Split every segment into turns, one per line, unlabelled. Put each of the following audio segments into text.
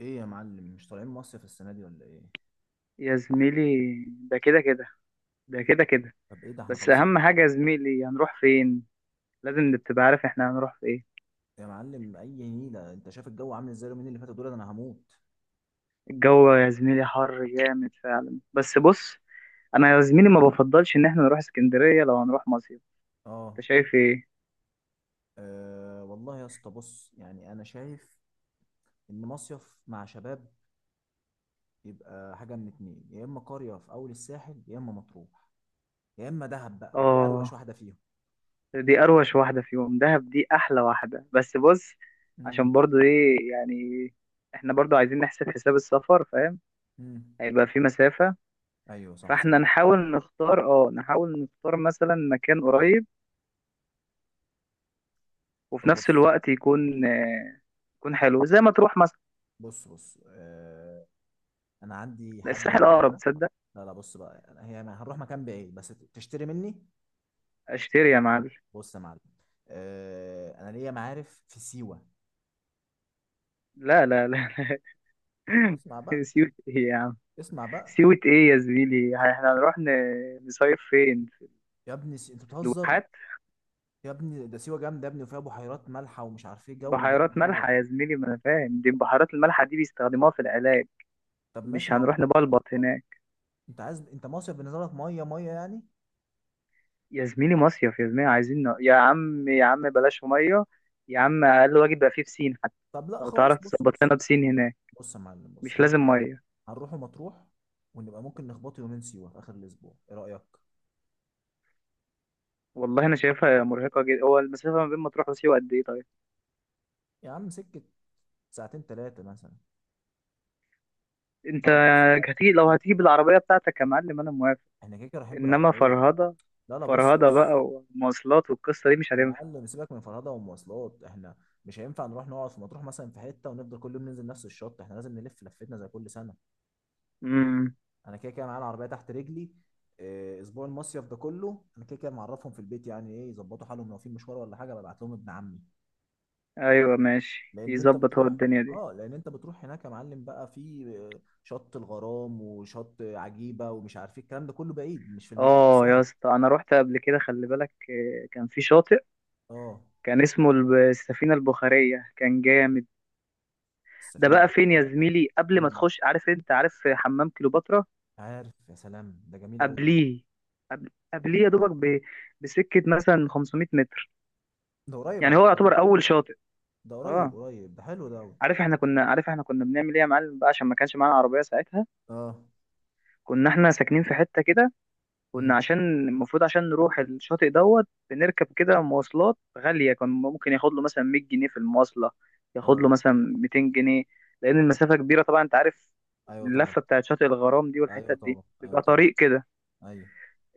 ايه يا معلم، مش طالعين مصيف السنه دي ولا ايه؟
يا زميلي، ده كده كده، ده كده كده
طب ايه ده، احنا
بس
خلاص.
اهم حاجه يا زميلي، هنروح فين؟ لازم تبقى عارف احنا هنروح في ايه.
يا معلم اي نيله، انت شايف الجو عامل ازاي؟ اليومين اللي فاتوا دول انا هموت.
الجو يا زميلي حر جامد فعلا، بس بص. انا يا زميلي ما بفضلش ان احنا نروح اسكندريه لو هنروح مصيف.
اه.
انت شايف ايه؟
آه، والله يا اسطى بص، يعني انا شايف ان مصيف مع شباب يبقى حاجه من اتنين، يا اما قريه في اول الساحل، يا اما مطروح، يا اما دهب بقى، ودي
اه،
اروش واحده فيهم.
دي اروش واحده فيهم، دهب دي احلى واحده، بس بص.
امم.
عشان برضو ايه يعني، احنا برضو عايزين نحسب حساب السفر، فاهم.
امم.
هيبقى في مسافه.
ايوه صح،
فاحنا
تصدق.
نحاول نختار، اه نحاول نختار مثلا مكان قريب، وفي
طب
نفس
بص.
الوقت يكون يكون حلو زي ما تروح مثلا.
بص آه، انا عندي حد
الساحل اقرب،
معرفه.
تصدق.
لا لا، بص بقى، هي هنروح مكان بعيد، بس تشتري مني.
اشتري يا معلم.
بص يا معلم، آه انا ليا معارف في سيوه.
لا لا لا
اسمع بقى.
لا. سيوة ايه يا عم؟
اسمع بقى.
سيوة ايه يا زميلي؟ احنا هنروح نصيف فين؟ في
يا ابني انت بتهزر.
الواحات؟
يا ابني ده سيوه جامده يا ابني، وفيها بحيرات مالحه، ومش عارف ايه، جو جامد
بحيرات
موت.
مالحة يا زميلي، ما انا فاهم دي، البحيرات المالحة دي بيستخدموها في العلاج.
طب ماشي،
مش
ما هو
هنروح نبلبط هناك.
انت عايز، انت مصيف بالنسبه لك ميه ميه يعني.
يا زميلي مصيف، يا زميلي عايزين يا عم يا عم بلاش مية. يا عم اقل واجب بقى فيه بسين حتى،
طب لا
لو
خلاص،
تعرف
بص
تظبط
بص.
لنا بسين هناك.
بص يا معلم، بص
مش
احنا
لازم مية.
هنروح مطروح، ونبقى ممكن نخبط يومين سيوه في اخر الاسبوع، ايه رايك؟
والله انا شايفها مرهقه جدا، هو المسافه ما بين مطروح وسيوه قد ايه طيب؟
يا عم سكه، ساعتين ثلاثه مثلا،
انت
اربع ساعات
هتيجي، لو
بالكتير.
هتيجي بالعربيه بتاعتك يا معلم انا موافق.
احنا كده كده رايحين
انما
بالعربيه.
فرهضه،
لا لا، بص
فرهضه بقى
بص،
ومواصلات والقصه دي مش
يا
هتنفع.
معلم سيبك من فرهدة ومواصلات، احنا مش هينفع نروح نقعد في مطروح مثلا في حتة ونفضل كل يوم ننزل نفس الشط، احنا لازم نلف لفتنا زي كل سنة.
امم.
انا كده كده معايا العربية تحت رجلي. اه، اسبوع المصيف ده كله انا كده كده معرفهم في البيت يعني، ايه يظبطوا حالهم لو في مشوار ولا حاجة ببعت لهم ابن عمي.
ايوه ماشي
لان انت
يظبط، هو
بتروح،
الدنيا دي.
اه لان انت بتروح هناك يا معلم، بقى في شط الغرام وشط عجيبة ومش عارف ايه، الكلام ده كله بعيد، مش في المدينة
اه يا
نفسها.
اسطى، انا رحت قبل كده، خلي بالك، كان في شاطئ،
اه.
كان اسمه السفينه البخاريه، كان جامد. ده
السفينة
بقى فين يا
البحرية.
زميلي؟ قبل ما
مين ده؟
تخش، عارف، انت عارف حمام كليوباترا؟
عارف؟ يا سلام، ده جميل قوي ده.
قبليه، قبليه يا دوبك بسكه مثلا 500 متر،
ده قريب
يعني
على
هو
كده.
يعتبر اول شاطئ.
ده قريب
اه.
قريب، ده حلو ده أوي.
عارف احنا كنا بنعمل ايه يا معلم بقى؟ عشان ما كانش معانا عربيه ساعتها،
اه.
كنا احنا ساكنين في حته كده،
مم.
كنا عشان المفروض عشان نروح الشاطئ دوت، بنركب كده مواصلات غاليه، كان ممكن ياخد له مثلا 100 جنيه في المواصله، ياخد له
اه.
مثلا 200 جنيه، لان المسافه كبيره طبعا، انت عارف
ايوه طبعا.
اللفه بتاعت شاطئ الغرام دي
ايوه
والحتت دي
طبعا، ايوه
بيبقى
طبعا.
طريق كده.
ايوه.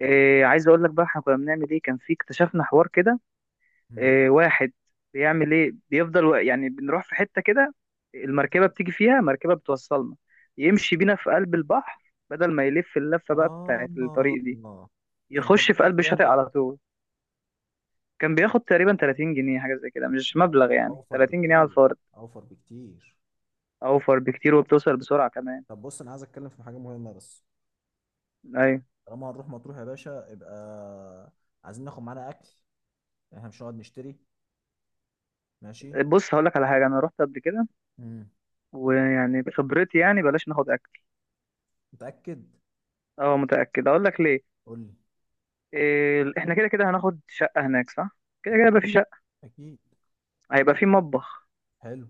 إيه عايز اقول لك بقى، احنا كنا بنعمل ايه، كان في اكتشفنا حوار كده،
مم.
واحد بيعمل ايه، بيفضل يعني بنروح في حتة كده، المركبة بتيجي، فيها مركبة بتوصلنا، يمشي بينا في قلب البحر بدل ما يلف اللفة بقى بتاعت
اه.
الطريق دي،
طب وكان
يخش في
بتاخد
قلب
كام
الشاطئ
بقى؟
على طول. كان بياخد تقريبا 30 جنيه، حاجة زي كده مش
أو-
مبلغ يعني،
اوفر
30 جنيه على
بكتير.
الفرد.
اوفر بكتير.
اوفر بكتير وبتوصل بسرعة كمان.
طب بص، انا عايز اتكلم في حاجه مهمه بس.
ايوه.
طالما هنروح مطروح يا باشا، يبقى عايزين ناخد معانا اكل، احنا مش هنقعد نشتري، ماشي.
بص هقول لك على حاجة، انا رحت قبل كده،
مم.
ويعني بخبرتي يعني بلاش ناخد اكل.
متاكد؟
اه متأكد، اقول لك ليه.
قول لي.
إيه احنا كده كده هناخد شقة هناك صح، كده كده يبقى
اكيد.
في شقة،
اكيد.
هيبقى في مطبخ،
حلو.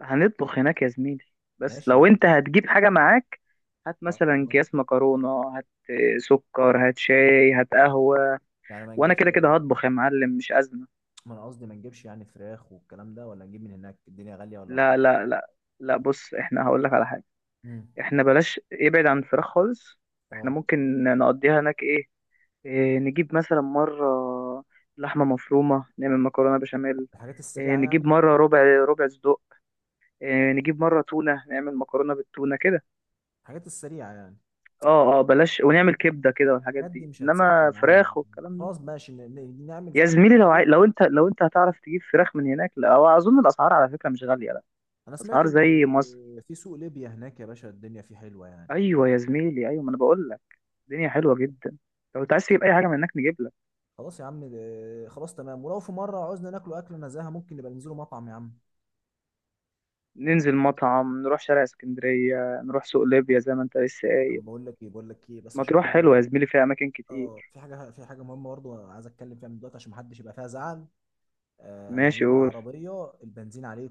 هنطبخ هناك يا زميلي. بس
ماشي،
لو انت هتجيب حاجة معاك، هات
ما
مثلا
ما-
اكياس مكرونة، هات سكر، هات شاي، هات قهوة،
يعني ما
وانا
نجيبش؟
كده كده هطبخ يا معلم، مش أزمة.
ما انا قصدي ما نجيبش يعني فراخ والكلام ده، ولا نجيب من هناك؟ الدنيا غالية ولا
لا
رخيصة؟
لا لا لا، بص احنا هقول لك على حاجة،
امم.
احنا بلاش ابعد عن الفراخ خالص. احنا
اه،
ممكن نقضيها هناك ايه، إيه نجيب مثلا مرة لحمة مفرومة نعمل مكرونة بشاميل،
الحاجات
إيه
السريعة
نجيب
يعني.
مرة ربع، ربع صدق،
اه،
إيه نجيب مرة تونة نعمل مكرونة بالتونة كده.
الحاجات السريعة يعني.
اه اه بلاش، ونعمل كبده كده والحاجات
الحاجات دي
دي،
مش هتسد
انما
معايا،
فراخ والكلام ده،
خلاص ماشي، نعمل زي
يا
ما انت
زميلي لو
بتقول.
لو انت هتعرف تجيب فراخ من هناك، لا، هو اظن الاسعار على فكره مش غاليه، لا،
انا سمعت
اسعار
ان
زي مصر.
في سوق ليبيا هناك يا باشا الدنيا فيه حلوة يعني.
ايوه يا زميلي ايوه، ما انا بقول لك الدنيا حلوه جدا، لو انت عايز تجيب اي حاجه من هناك نجيب لك.
خلاص يا عم خلاص تمام، ولو في مرة عاوزنا ناكلوا أكلة نزاهة ممكن نبقى ننزلوا مطعم يا عم.
ننزل مطعم، نروح شارع اسكندريه، نروح سوق ليبيا زي ما انت لسه قايل.
طب بقول لك ايه، بقول لك ايه بس عشان في
مطروح
حاجة.
حلوه يا زميلي، فيها اماكن
اه،
كتير.
في حاجة، في حاجة مهمة برضه عايز اتكلم فيها من دلوقتي، عشان محدش يبقى فيها زعل. آه انا
ماشي
هجيب
قول،
العربية، البنزين عليه.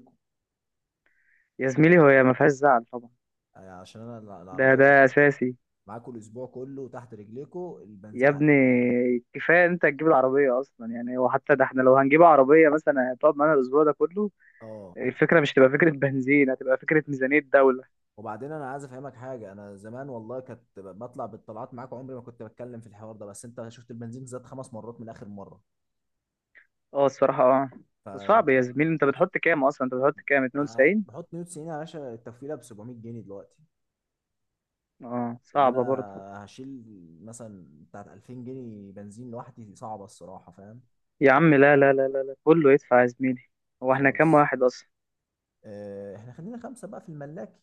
يا زميلي هو ما فيهاش زعل طبعا،
يعني عشان انا
ده
العربيه
ده
هتبقى
اساسي.
معاكوا الاسبوع كله تحت رجليكوا،
يا
البنزين
ابني
عالي.
كفايه انت تجيب العربيه اصلا يعني، وحتى ده احنا لو هنجيب عربيه مثلا هتقعد معانا الاسبوع ده كله،
اه.
الفكره مش تبقى فكره بنزين، هتبقى فكره ميزانيه دوله.
وبعدين انا عايز افهمك حاجه، انا زمان والله كنت بطلع بالطلعات معاك، عمري ما كنت بتكلم في الحوار ده، بس انت شفت البنزين زاد 5 مرات من اخر مره.
اه الصراحه اه.
ف
صعب يا زميلي، انت بتحط كام اصلا؟ انت بتحط كام؟
آه،
92؟
بحط 190 يا باشا، التفويله ب 700 جنيه دلوقتي.
اه صعبه
انا
برضه.
هشيل مثلا بتاعت 2000 جنيه بنزين لوحدي، صعبه الصراحه، فاهم.
يا عم لا لا لا لا لا، كله يدفع يا زميلي، هو احنا كام
خلاص.
واحد اصلا؟
احنا خلينا خمسه بقى في الملاكي،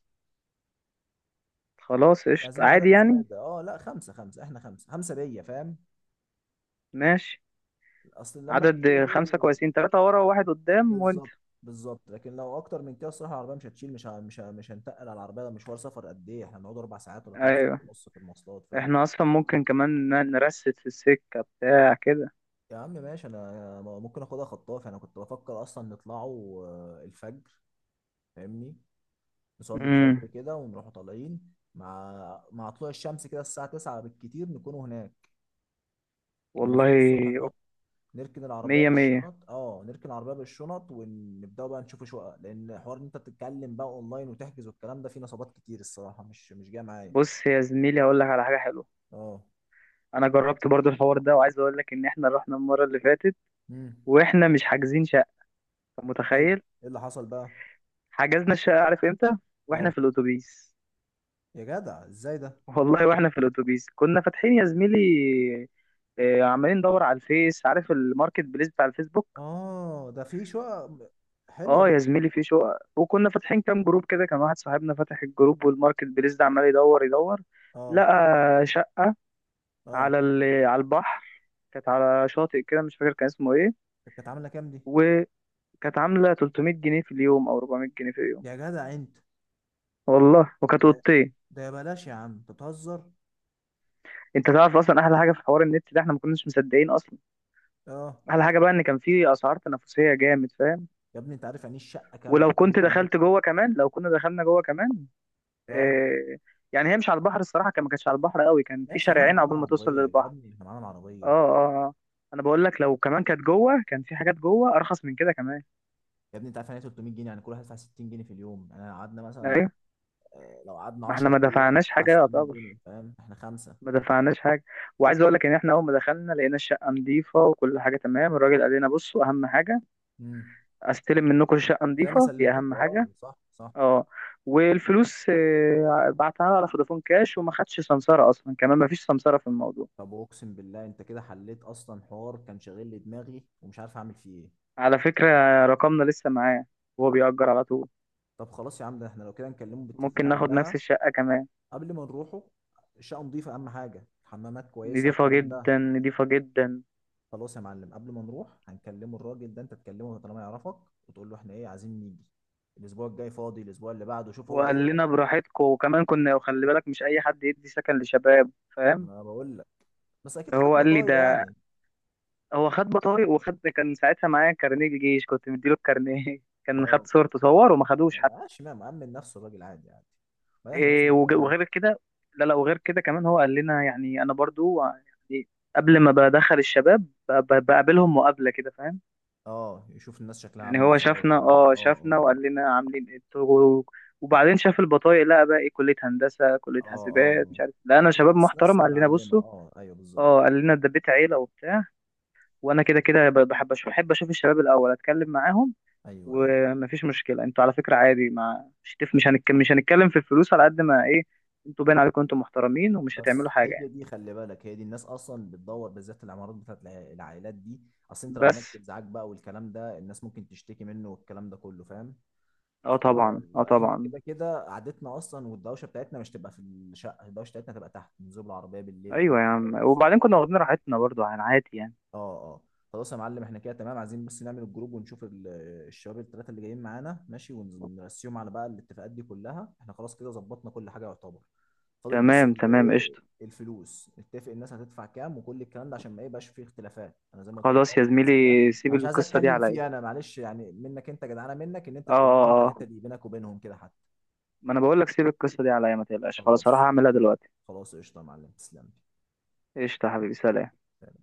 خلاص
مش
قشطه
عايزين
عادي
عدد
يعني.
زياده، اه لا، خمسه خمسه احنا، خمسه خمسه بيا، فاهم.
ماشي.
اصل اللمه الكبيره
عدد
دي.
خمسة كويسين، تلاتة ورا وواحد قدام وانت.
بالظبط. بالظبط، لكن لو اكتر من كده الصراحه العربيه مش هتشيل، مش هنتقل على العربيه، ده مشوار سفر، قد ايه احنا بنقعد؟ اربع ساعات ولا ثلاث ساعات
ايوه
ونص في المواصلات، فاهم.
احنا اصلا ممكن كمان نرست في السكة بتاع كده.
يا عم ماشي، انا ممكن اخدها خطاف، انا كنت بفكر اصلا نطلعوا الفجر، فاهمني؟ نصلي
امم.
الفجر كده ونروحوا طالعين مع طلوع الشمس، كده الساعه 9 بالكتير نكونوا هناك. ننزلوا الصبح،
والله.
نحط، نركن العربيه
مية مية.
بالشنط، نركن العربيه بالشنط ونبداوا بقى نشوف شقق، لان حوار ان انت تتكلم بقى اونلاين وتحجز والكلام ده، فيه نصابات كتير الصراحه، مش جايه معايا.
بص يا زميلي هقول لك على حاجة حلوة،
اه.
أنا جربت برضو الحوار ده، وعايز أقول لك إن إحنا رحنا المرة اللي فاتت
امم.
وإحنا مش حاجزين شقة. أنت
حلو.
متخيل؟
ايه اللي حصل بقى؟
حجزنا الشقة عارف إمتى؟ وإحنا
اه،
في الأتوبيس.
يا جدع ازاي ده؟
والله وإحنا في الأتوبيس كنا فاتحين يا زميلي، عمالين ندور على الفيس، عارف الماركت بليس بتاع الفيسبوك.
اه، ده في شقق حلوه
اه
دي.
يا زميلي في شقق، وكنا فاتحين كام جروب كده، كان واحد صاحبنا فاتح الجروب والماركت بليس ده عمال يدور يدور،
اه
لقى شقة
اه.
على ال... على البحر. كانت على شاطئ كده مش فاكر كان اسمه ايه،
طب كانت عامله كام دي؟
وكانت عامله 300 جنيه في اليوم او 400 جنيه في اليوم.
يا جدع انت!
والله وكانت
ده
اوضتين.
ده يا بلاش، يا عم انت بتهزر.
انت تعرف اصلا احلى حاجه في حوار النت ده، احنا ما كناش مصدقين اصلا.
اه،
احلى حاجه بقى ان كان في اسعار تنافسيه جامد، فاهم.
يا ابني انت عارف يعني ايه الشقه كامله
ولو
300
كنت
جنيه
دخلت جوه كمان، لو كنا دخلنا جوه كمان،
اه
آه، يعني هي مش على البحر الصراحه، كان ما كانتش على البحر قوي، كان في
ماشي يا عم، احنا
شارعين
معانا
عقبال ما توصل
العربيه يا
للبحر.
ابني، احنا معانا
اه
العربيه.
اه اه. انا بقول لك لو كمان كانت جوه كان في حاجات جوه ارخص من كده كمان.
يا ابني انت عارف يعني إيه 300 جنيه؟ يعني كل واحد يدفع 60 جنيه في اليوم، يعني لو قعدنا مثلا،
ايوه
لو قعدنا
ما احنا
10 ايام هتدفع 600 جنيه، فاهم، احنا خمسه.
ما دفعناش حاجة. وعايز اقول لك ان احنا اول ما دخلنا لقينا الشقة نظيفة وكل حاجة تمام، الراجل قال لنا بصوا اهم حاجة،
امم.
استلم منكم الشقة
زي ما
نظيفة دي اهم
سلمتكم، اه
حاجة.
صح صح.
اه. والفلوس بعتها على فودافون كاش، وما خدش سمسارة اصلا كمان، ما فيش سمسارة في الموضوع.
طب اقسم بالله انت كده حليت اصلا حوار كان شاغل لي دماغي ومش عارف اعمل فيه ايه.
على فكرة، رقمنا لسه معاه، وهو بيأجر على طول،
طب خلاص يا عم، ده احنا لو كده نكلمه بالتليفون
ممكن ناخد نفس
قبلها،
الشقة كمان.
قبل ما نروحوا. الشقه نضيفه، اهم حاجه حمامات كويسه
نضيفة
والكلام ده.
جدا، نضيفة جدا.
خلاص يا معلم، قبل ما نروح هنكلمه الراجل ده، انت تكلمه طالما يعرفك، وتقول له احنا ايه عايزين نيجي، الاسبوع الجاي فاضي الاسبوع اللي بعده، شوف هو
وقال
ايه.
لنا براحتكم، وكمان كنا، وخلي بالك مش اي حد يدي سكن لشباب، فاهم.
ما انا بقول لك، بس اكيد خد
هو قال لي
بطايق
ده،
يعني.
هو خد بطايق وخد، كان ساعتها معايا كارنيه جيش، كنت مديله الكارنيه كان خد
اه،
صورته، صور وما خدوش
ما
حتى.
بقاش ما مأمن نفسه الراجل، عادي عادي، ما احنا ناس
إيه
محترمين.
وغير كده، لا لا، وغير كده كمان هو قال لنا يعني، انا برضو يعني قبل ما بدخل الشباب بقابلهم مقابلة كده، فاهم.
اه يشوف الناس شكلها
يعني
عامل
هو
ازاي،
شافنا،
الكلام ده، اه اه.
وقال لنا عاملين ايه انتوا؟ وبعدين شاف البطايق، لقى بقى ايه، كلية هندسة، كلية
اه اه.
حاسبات، مش عارف،
لا،
لقينا شباب
ناس ناس
محترم، قال لنا
متعلمة،
بصوا
اه ايوه بالظبط.
اه، قال لنا ده بيت عيلة وبتاع. وانا كده كده بحب بحب اشوف الشباب الاول، اتكلم معاهم،
ايوه ايوه.
ومفيش مشكله انتوا على فكره عادي، ما مش مش هنتكلم، في الفلوس على قد ما ايه، انتوا باين عليكم انتوا محترمين ومش هتعملوا
بس
حاجه
هي
يعني.
دي خلي بالك، هي دي الناس اصلا بتدور بالذات العمارات بتاعت العائلات دي. اصل انت لو
بس
عملت ازعاج بقى والكلام ده الناس ممكن تشتكي منه والكلام ده كله، فاهم.
اه طبعا اه
آه احنا
طبعا.
كده كده قعدتنا اصلا، والدوشه بتاعتنا مش تبقى في الشقه، الدوشه بتاعتنا تبقى تحت نزول العربيه بالليل بقى
ايوه يا عم،
نتفرج،
وبعدين كنا
والصبح.
واخدين راحتنا برضو عن عادي يعني.
اه. اه. خلاص يا معلم، احنا كده تمام، عايزين بس نعمل الجروب ونشوف الشباب الثلاثه اللي جايين معانا، ماشي، ونرسيهم على بقى الاتفاقات دي كلها. احنا خلاص كده ظبطنا كل حاجه يعتبر، فاضل بس
تمام تمام
ايه،
قشطه.
الفلوس، نتفق الناس هتدفع كام وكل الكلام ده، عشان ما يبقاش فيه اختلافات. انا زي ما قلت لك حوار
خلاص يا زميلي،
البنزين ده انا
سيب
مش عايز
القصه دي
اتكلم
عليا.
فيه، انا معلش يعني منك، انت جدعانه منك ان انت
اه
تقول لهم، انت
اه
الحته
اه،
دي بينك وبينهم كده.
ما انا بقول لك سيب القصه دي عليا، ما تقلقش خلاص، هروح
خلاص.
اعملها دلوقتي.
خلاص قشطة يا معلم، تسلم
قشطه يا حبيبي، سلام.
لي.